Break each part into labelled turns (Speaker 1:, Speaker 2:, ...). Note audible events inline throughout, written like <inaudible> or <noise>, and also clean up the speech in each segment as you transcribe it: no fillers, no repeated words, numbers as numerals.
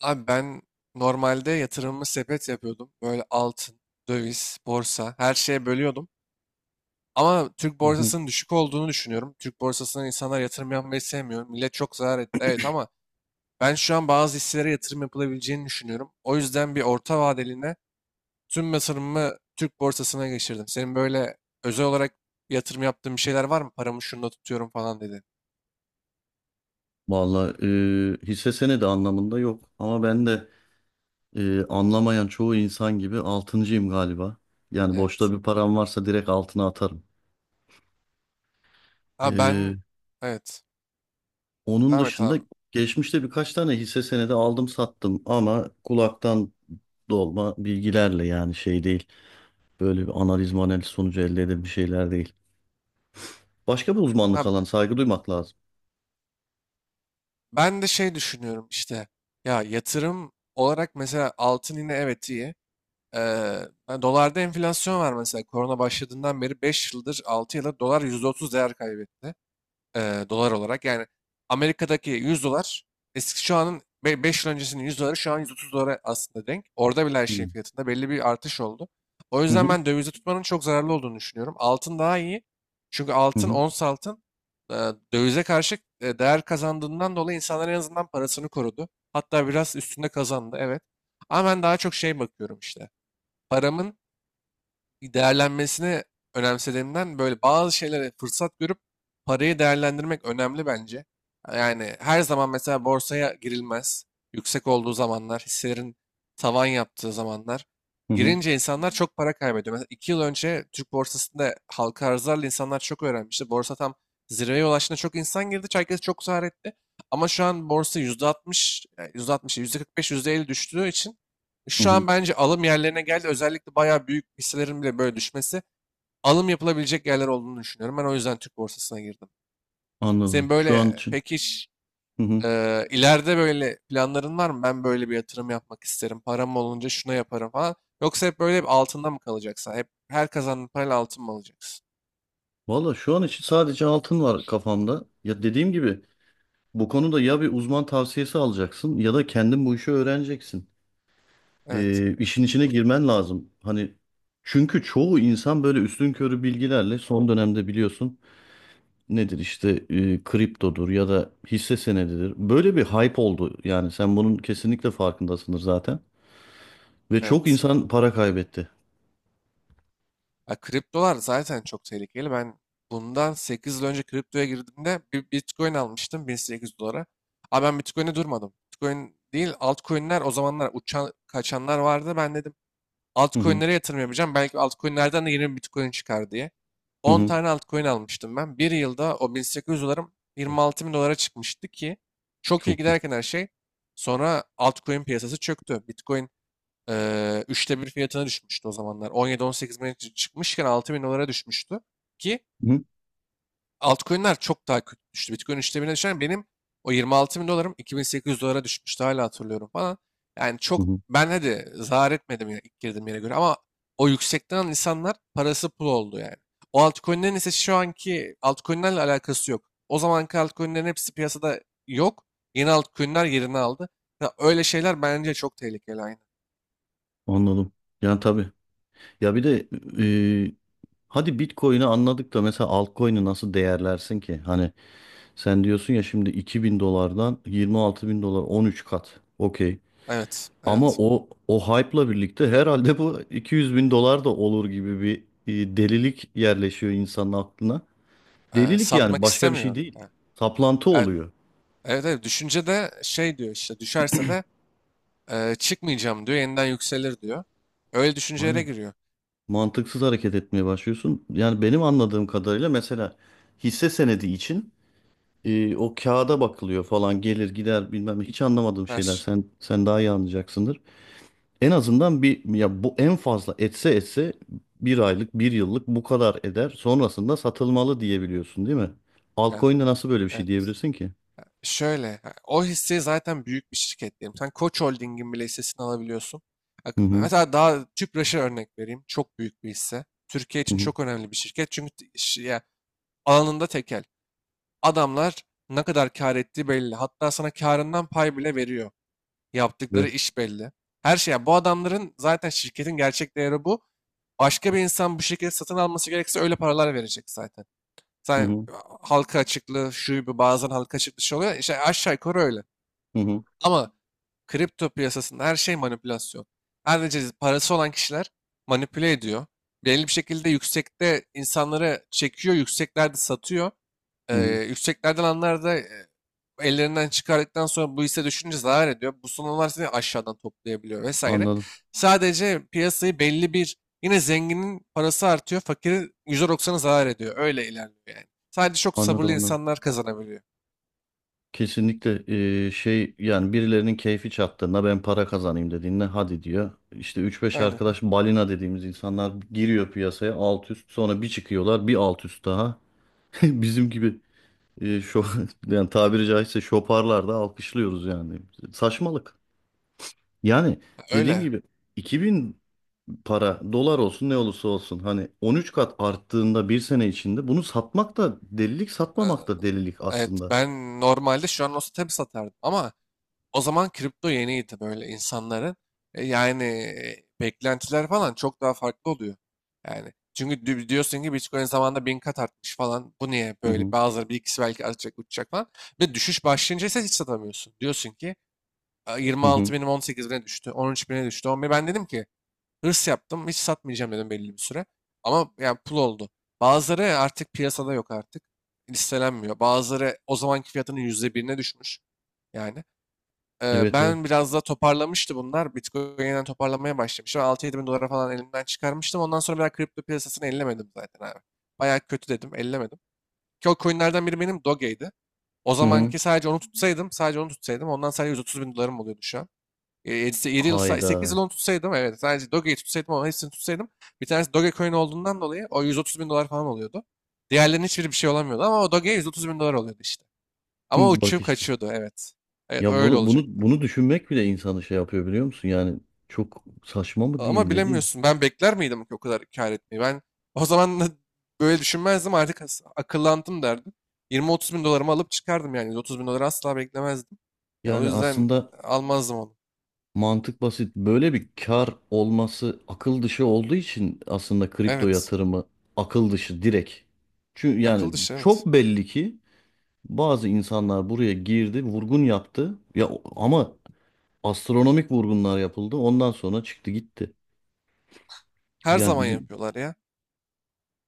Speaker 1: Abi ben normalde yatırımımı sepet yapıyordum. Böyle altın, döviz, borsa her şeye bölüyordum. Ama Türk
Speaker 2: Hı hı.
Speaker 1: borsasının düşük olduğunu düşünüyorum. Türk borsasına insanlar yatırım yapmayı sevmiyor. Millet çok zarar etti. Evet, ama ben şu an bazı hisselere yatırım yapılabileceğini düşünüyorum. O yüzden bir orta vadeline tüm yatırımımı Türk borsasına geçirdim. Senin böyle özel olarak yatırım yaptığın bir şeyler var mı? Paramı şunda tutuyorum falan dedi.
Speaker 2: Vallahi hisse senedi anlamında yok ama ben de anlamayan çoğu insan gibi altıncıyım galiba. Yani boşta
Speaker 1: Evet.
Speaker 2: bir param varsa direkt altına atarım.
Speaker 1: Ha
Speaker 2: E,
Speaker 1: ben evet.
Speaker 2: Onun
Speaker 1: Devam et
Speaker 2: dışında
Speaker 1: abi.
Speaker 2: geçmişte birkaç tane hisse senedi aldım sattım ama kulaktan dolma bilgilerle yani şey değil. Böyle bir analiz sonucu elde edilen bir şeyler değil. Başka bir
Speaker 1: Ha,
Speaker 2: uzmanlık alanı saygı duymak lazım.
Speaker 1: ben de şey düşünüyorum işte, ya yatırım olarak mesela altın yine evet iyi. Ee, Hani dolarda enflasyon var mesela korona başladığından beri 5 yıldır 6 yıldır dolar %30 değer kaybetti, dolar olarak. Yani Amerika'daki 100 dolar, eski şu anın 5 yıl öncesinin 100 doları şu an 130 dolara aslında denk. Orada bile her
Speaker 2: Hı
Speaker 1: şeyin fiyatında belli bir artış oldu. O
Speaker 2: hı, hı
Speaker 1: yüzden ben dövizde tutmanın çok zararlı olduğunu düşünüyorum. Altın daha iyi. Çünkü altın,
Speaker 2: hı,
Speaker 1: ons altın e, dövize karşı değer kazandığından dolayı insanlar en azından parasını korudu. Hatta biraz üstünde kazandı, evet. Ama ben daha çok şey bakıyorum işte. Paramın değerlenmesini önemsediğimden böyle bazı şeylere fırsat görüp parayı değerlendirmek önemli bence. Yani her zaman mesela borsaya girilmez. Yüksek olduğu zamanlar, hisselerin tavan yaptığı zamanlar.
Speaker 2: hı hı,
Speaker 1: Girince insanlar çok para kaybediyor. Mesela iki yıl önce Türk borsasında halka arzlarla insanlar çok öğrenmişti. Borsa tam zirveye ulaştığında çok insan girdi. Herkes çok zarar etti. Ama şu an borsa %60, yani yüzde altmış, yüzde kırk beş, yüzde elli düştüğü için
Speaker 2: hı
Speaker 1: şu
Speaker 2: hı.
Speaker 1: an bence alım yerlerine geldi. Özellikle bayağı büyük hisselerin bile böyle düşmesi alım yapılabilecek yerler olduğunu düşünüyorum. Ben o yüzden Türk borsasına girdim. Senin
Speaker 2: Anladım. Şu an
Speaker 1: böyle
Speaker 2: için.
Speaker 1: pek hiç
Speaker 2: Hı hı.
Speaker 1: e, ileride böyle planların var mı? Ben böyle bir yatırım yapmak isterim. Param olunca şuna yaparım falan. Yoksa hep böyle hep altında mı kalacaksın? Hep her kazandığın parayla altın mı alacaksın?
Speaker 2: Valla şu an için sadece altın var kafamda. Ya dediğim gibi bu konuda ya bir uzman tavsiyesi alacaksın ya da kendin bu işi öğreneceksin.
Speaker 1: Evet,
Speaker 2: İşin içine girmen lazım. Hani çünkü çoğu insan böyle üstünkörü bilgilerle son dönemde biliyorsun nedir işte kriptodur ya da hisse senedidir. Böyle bir hype oldu yani sen bunun kesinlikle farkındasındır zaten. Ve çok
Speaker 1: evet.
Speaker 2: insan para kaybetti.
Speaker 1: Ya kriptolar zaten çok tehlikeli. Ben bundan 8 yıl önce kriptoya girdiğimde bir Bitcoin almıştım 1800 dolara. Ama ben Bitcoin'e durmadım. Bitcoin değil altcoin'ler o zamanlar uçan kaçanlar vardı. Ben dedim
Speaker 2: Hı hı,
Speaker 1: altcoin'lere yatırım yapacağım. Belki altcoin'lerden de yeni bir Bitcoin çıkar diye.
Speaker 2: hı
Speaker 1: On
Speaker 2: hı.
Speaker 1: tane altcoin almıştım ben. Bir yılda o 1800 dolarım 26 bin dolara çıkmıştı ki çok iyi
Speaker 2: Çok iyi.
Speaker 1: giderken her şey. Sonra altcoin piyasası çöktü. Bitcoin üçte bir fiyatına düşmüştü o zamanlar. 17-18 bine çıkmışken 6 bin dolara düşmüştü. Ki
Speaker 2: Hı hı,
Speaker 1: altcoin'ler çok daha kötü düştü. Bitcoin üçte birine düşen benim o 26 bin dolarım 2800 dolara düşmüştü. Hala hatırlıyorum falan. Yani
Speaker 2: hı
Speaker 1: çok
Speaker 2: hı.
Speaker 1: ben hadi zarar etmedim yine ilk girdiğim yere göre ama o yüksekten alan insanlar parası pul oldu yani. O altcoin'lerin ise şu anki altcoin'lerle alakası yok. O zamanki altcoin'lerin hepsi piyasada yok. Yeni altcoin'ler yerini aldı. Ya öyle şeyler bence çok tehlikeli.
Speaker 2: Anladım. Yani tabii. Ya bir de e, hadi Bitcoin'i anladık da mesela altcoin'i nasıl değerlersin ki? Hani sen diyorsun ya şimdi 2 bin dolardan 26 bin dolar 13 kat. Okey.
Speaker 1: Evet,
Speaker 2: Ama
Speaker 1: evet.
Speaker 2: o hype'la birlikte herhalde bu 200 bin dolar da olur gibi bir delilik yerleşiyor insanın aklına. Delilik yani
Speaker 1: Satmak
Speaker 2: başka bir şey
Speaker 1: istemiyor.
Speaker 2: değil.
Speaker 1: Ha,
Speaker 2: Saplantı
Speaker 1: e-
Speaker 2: oluyor.
Speaker 1: evet, evet. Düşünce de şey diyor işte, düşerse de çıkmayacağım diyor. Yeniden yükselir diyor. Öyle düşüncelere
Speaker 2: Aynen.
Speaker 1: giriyor.
Speaker 2: Mantıksız hareket etmeye başlıyorsun. Yani benim anladığım kadarıyla mesela hisse senedi için o kağıda bakılıyor falan gelir gider bilmem ne. Hiç anlamadığım şeyler,
Speaker 1: Ters.
Speaker 2: sen daha iyi anlayacaksındır. En azından bir ya bu en fazla etse bir aylık bir yıllık bu kadar eder sonrasında satılmalı diyebiliyorsun değil mi?
Speaker 1: Ya,
Speaker 2: Altcoin'de nasıl böyle bir şey
Speaker 1: evet.
Speaker 2: diyebilirsin ki?
Speaker 1: Şöyle, ha, o hisse zaten büyük bir şirket diyelim. Sen Koç Holding'in bile hissesini alabiliyorsun. Bak,
Speaker 2: Hı hı,
Speaker 1: mesela daha Tüpraş'a örnek vereyim. Çok büyük bir hisse. Türkiye
Speaker 2: hı
Speaker 1: için
Speaker 2: hı,
Speaker 1: çok önemli bir şirket. Çünkü ya, alanında tekel. Adamlar ne kadar kar ettiği belli. Hatta sana karından pay bile veriyor. Yaptıkları
Speaker 2: evet,
Speaker 1: iş belli. Her şey. Ya, bu adamların zaten şirketin gerçek değeri bu. Başka bir insan bu şirketi satın alması gerekirse öyle paralar verecek zaten.
Speaker 2: hı
Speaker 1: Sen
Speaker 2: hı,
Speaker 1: halka açıklığı şu bir bazen halka açıklığı şey oluyor. İşte aşağı yukarı öyle.
Speaker 2: hı hı,
Speaker 1: Ama kripto piyasasında her şey manipülasyon. Sadece parası olan kişiler manipüle ediyor. Belli bir şekilde yüksekte insanları çekiyor, yükseklerde satıyor. Ee,
Speaker 2: hı, hı.
Speaker 1: Yükseklerden alanlar da ellerinden çıkardıktan sonra bu hisse düşünce zarar ediyor. Bu sonralar seni aşağıdan toplayabiliyor vesaire.
Speaker 2: Anladım,
Speaker 1: Sadece piyasayı belli bir yine zenginin parası artıyor, fakirin %90'ı zarar ediyor. Öyle ilerliyor yani. Sadece çok sabırlı
Speaker 2: anladım.
Speaker 1: insanlar kazanabiliyor.
Speaker 2: Kesinlikle şey yani birilerinin keyfi çattığında ben para kazanayım dediğinde hadi diyor. İşte üç beş
Speaker 1: Aynen.
Speaker 2: arkadaş balina dediğimiz insanlar giriyor piyasaya alt üst sonra bir çıkıyorlar bir alt üst daha. <laughs> Bizim gibi şu <laughs> yani tabiri caizse şoparlar da alkışlıyoruz yani. Saçmalık. Yani dediğim
Speaker 1: Öyle.
Speaker 2: gibi 2000 para dolar olsun ne olursa olsun hani 13 kat arttığında bir sene içinde bunu satmak da delilik
Speaker 1: Ee,
Speaker 2: satmamak da delilik
Speaker 1: Evet,
Speaker 2: aslında.
Speaker 1: ben normalde şu an olsa tabii satardım ama o zaman kripto yeniydi böyle insanların. E, yani beklentiler falan çok daha farklı oluyor. Yani çünkü diyorsun ki Bitcoin zamanında bin kat artmış falan. Bu niye
Speaker 2: Hı
Speaker 1: böyle?
Speaker 2: hı.
Speaker 1: Bazıları bir ikisi belki artacak uçacak falan. Ve düşüş başlayınca ise hiç satamıyorsun. Diyorsun ki
Speaker 2: Hı
Speaker 1: 26
Speaker 2: hı.
Speaker 1: binim 18 bine düştü, 13 bine düştü. 11. Ben dedim ki hırs yaptım. Hiç satmayacağım dedim belli bir süre. Ama yani pul oldu. Bazıları artık piyasada yok artık. Listelenmiyor. Bazıları o zamanki fiyatının yüzde birine düşmüş. Yani.
Speaker 2: Evet, evet.
Speaker 1: Ben biraz da toparlamıştı bunlar. Bitcoin yeniden toparlamaya başlamıştı. 6-7 bin dolara falan elimden çıkarmıştım. Ondan sonra bir daha kripto piyasasını ellemedim zaten abi. Bayağı kötü dedim. Ellemedim. Ki o coinlerden biri benim Doge'ydi. O
Speaker 2: Hı hı.
Speaker 1: zamanki sadece onu tutsaydım, sadece onu tutsaydım ondan sadece 130 bin dolarım oluyordu şu an. 7 yıl,
Speaker 2: Hayda.
Speaker 1: 8 yıl onu tutsaydım evet sadece Doge'yi tutsaydım ama hepsini tutsaydım bir tanesi Dogecoin olduğundan dolayı o 130 bin dolar falan oluyordu. Diğerlerinin hiçbiri bir şey olamıyordu ama o Doge'ye 130 bin dolar oluyordu işte. Ama
Speaker 2: <laughs> Bak
Speaker 1: uçup
Speaker 2: işte.
Speaker 1: kaçıyordu evet. Evet
Speaker 2: Ya
Speaker 1: öyle
Speaker 2: bunu, bunu,
Speaker 1: olacaktı.
Speaker 2: bunu düşünmek bile insanı şey yapıyor biliyor musun? Yani çok saçma mı diyeyim
Speaker 1: Ama
Speaker 2: ne diyeyim?
Speaker 1: bilemiyorsun, ben bekler miydim ki o kadar kar etmeyi? Ben o zaman da böyle düşünmezdim, artık akıllandım derdim. Yirmi otuz bin dolarımı alıp çıkardım yani yüz otuz bin doları asla beklemezdim. Ya o
Speaker 2: Yani
Speaker 1: yüzden
Speaker 2: aslında
Speaker 1: almazdım onu.
Speaker 2: mantık basit. Böyle bir kar olması akıl dışı olduğu için aslında kripto
Speaker 1: Evet,
Speaker 2: yatırımı akıl dışı direkt. Çünkü yani
Speaker 1: akıl dışı, evet.
Speaker 2: çok belli ki bazı insanlar buraya girdi, vurgun yaptı. Ya ama astronomik vurgunlar yapıldı. Ondan sonra çıktı gitti.
Speaker 1: Her
Speaker 2: Yani
Speaker 1: zaman
Speaker 2: bizim
Speaker 1: yapıyorlar ya.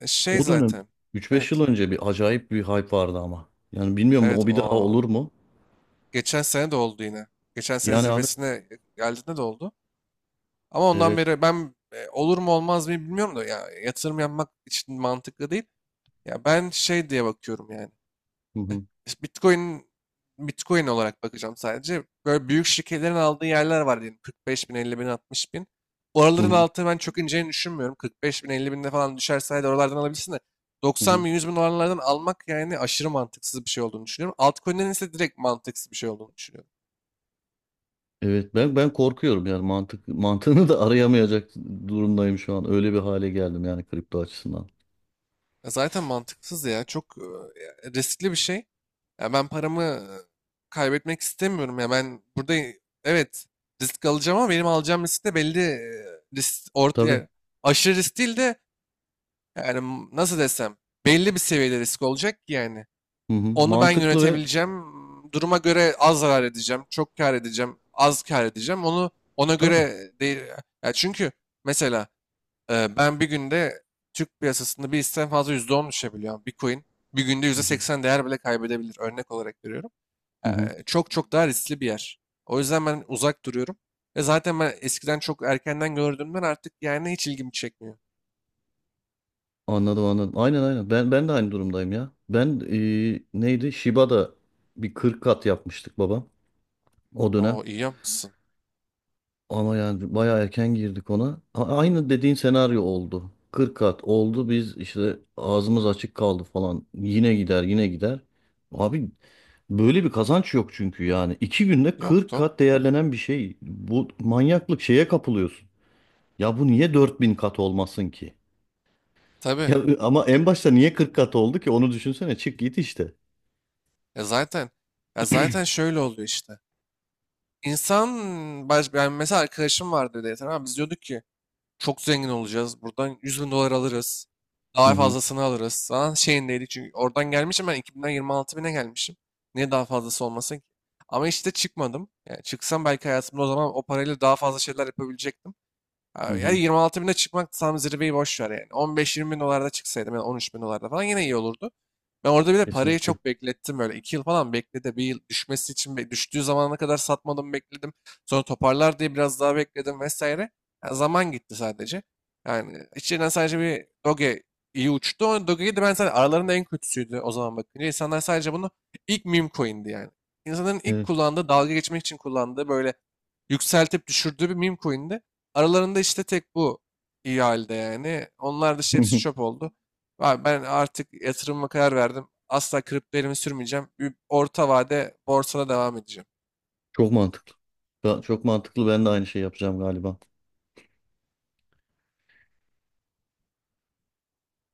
Speaker 1: E, şey
Speaker 2: o dönem
Speaker 1: zaten.
Speaker 2: üç beş yıl
Speaker 1: Evet.
Speaker 2: önce bir acayip bir hype vardı ama. Yani bilmiyorum
Speaker 1: Evet
Speaker 2: o bir daha
Speaker 1: o.
Speaker 2: olur mu?
Speaker 1: Geçen sene de oldu yine. Geçen sene
Speaker 2: Yani abi
Speaker 1: zirvesine geldiğinde de oldu. Ama ondan
Speaker 2: evet.
Speaker 1: beri ben olur mu olmaz mı bilmiyorum da ya yatırım yapmak için mantıklı değil. Ya ben şey diye bakıyorum yani.
Speaker 2: Hı hı.
Speaker 1: İşte, Bitcoin Bitcoin olarak bakacağım sadece. Böyle büyük şirketlerin aldığı yerler var diyelim. 45 bin, 50 bin, 60 bin.
Speaker 2: Hı
Speaker 1: Oraların
Speaker 2: hı.
Speaker 1: altı ben çok ineceğini düşünmüyorum. 45 bin, 50 binde falan düşerse hadi oralardan alabilirsin de.
Speaker 2: Hı
Speaker 1: 90
Speaker 2: hı.
Speaker 1: bin, 100 bin oralardan almak yani aşırı mantıksız bir şey olduğunu düşünüyorum. Altcoin'lerin ise direkt mantıksız bir şey olduğunu düşünüyorum.
Speaker 2: Evet ben korkuyorum yani mantık <laughs> mantığını da arayamayacak durumdayım şu an. Öyle bir hale geldim yani kripto açısından.
Speaker 1: Ya zaten mantıksız ya. Çok riskli bir şey. Ya ben paramı kaybetmek istemiyorum ya. Ben burada evet risk alacağım ama benim alacağım risk de belli, risk orta
Speaker 2: Tabii.
Speaker 1: yani aşırı risk değil de yani nasıl desem belli bir seviyede risk olacak ki yani.
Speaker 2: Hı hı.
Speaker 1: Onu ben
Speaker 2: Mantıklı ve
Speaker 1: yönetebileceğim. Duruma göre az zarar edeceğim, çok kar edeceğim, az kar edeceğim. Onu ona
Speaker 2: tabii.
Speaker 1: göre değil. Ya çünkü mesela ben bir günde Türk piyasasında bir hisseden fazla %10 düşebiliyor. Bitcoin bir günde
Speaker 2: Hı
Speaker 1: yüzde
Speaker 2: hı.
Speaker 1: seksen değer bile kaybedebilir. Örnek olarak veriyorum.
Speaker 2: Hı hı.
Speaker 1: Çok çok daha riskli bir yer. O yüzden ben uzak duruyorum. Ve zaten ben eskiden çok erkenden gördüğümden artık yani hiç ilgimi çekmiyor.
Speaker 2: Anladım. Aynen. Ben de aynı durumdayım ya. Ben neydi? Shiba'da bir 40 kat yapmıştık babam o dönem.
Speaker 1: O iyi yapmışsın.
Speaker 2: Ama yani bayağı erken girdik ona. Aynı dediğin senaryo oldu. 40 kat oldu. Biz işte ağzımız açık kaldı falan. Yine gider, yine gider. Abi böyle bir kazanç yok çünkü yani. İki günde 40
Speaker 1: Yoktu.
Speaker 2: kat değerlenen bir şey. Bu manyaklık şeye kapılıyorsun. Ya bu niye 4 bin kat olmasın ki?
Speaker 1: Tabii.
Speaker 2: Ya ama en başta niye 40 kat oldu ki? Onu düşünsene. Çık git işte.
Speaker 1: Ya zaten, ya zaten şöyle oluyor işte. İnsan baş, yani mesela arkadaşım vardı dedi. Tamam biz diyorduk ki çok zengin olacağız. Buradan 100 bin dolar alırız.
Speaker 2: Hı
Speaker 1: Daha
Speaker 2: hı.
Speaker 1: fazlasını alırız. Falan şeyindeydi çünkü oradan gelmişim ben 2000'den 26 bine gelmişim. Niye daha fazlası olmasın ki? Ama işte çıkmadım. Yani çıksam belki hayatımda o zaman o parayla daha fazla şeyler yapabilecektim.
Speaker 2: Hı
Speaker 1: Ha, yani
Speaker 2: hı.
Speaker 1: 26 bine çıkmak tam zirveyi boş ver yani. 15-20 bin dolarda çıksaydım yani 13 bin dolarda falan yine iyi olurdu. Ben orada bir de parayı
Speaker 2: Kesinlikle.
Speaker 1: çok beklettim böyle. İki yıl falan bekledi. Bir yıl düşmesi için düştüğü zamana kadar satmadım bekledim. Sonra toparlar diye biraz daha bekledim vesaire. Ya zaman gitti sadece. Yani içinden sadece bir Doge iyi uçtu. O Doge'yi de ben sadece aralarında en kötüsüydü o zaman bakınca. İnsanlar sadece bunu ilk meme coin'di yani. İnsanların ilk
Speaker 2: Evet.
Speaker 1: kullandığı, dalga geçmek için kullandığı böyle yükseltip düşürdüğü bir meme coin'di. Aralarında işte tek bu iyi halde yani. Onlar dışı hepsi çöp
Speaker 2: <laughs>
Speaker 1: oldu. Abi ben artık yatırımıma karar verdim. Asla kripto elimi sürmeyeceğim. Bir orta vade borsada devam edeceğim.
Speaker 2: Çok mantıklı. Ya çok mantıklı. Ben de aynı şey yapacağım galiba.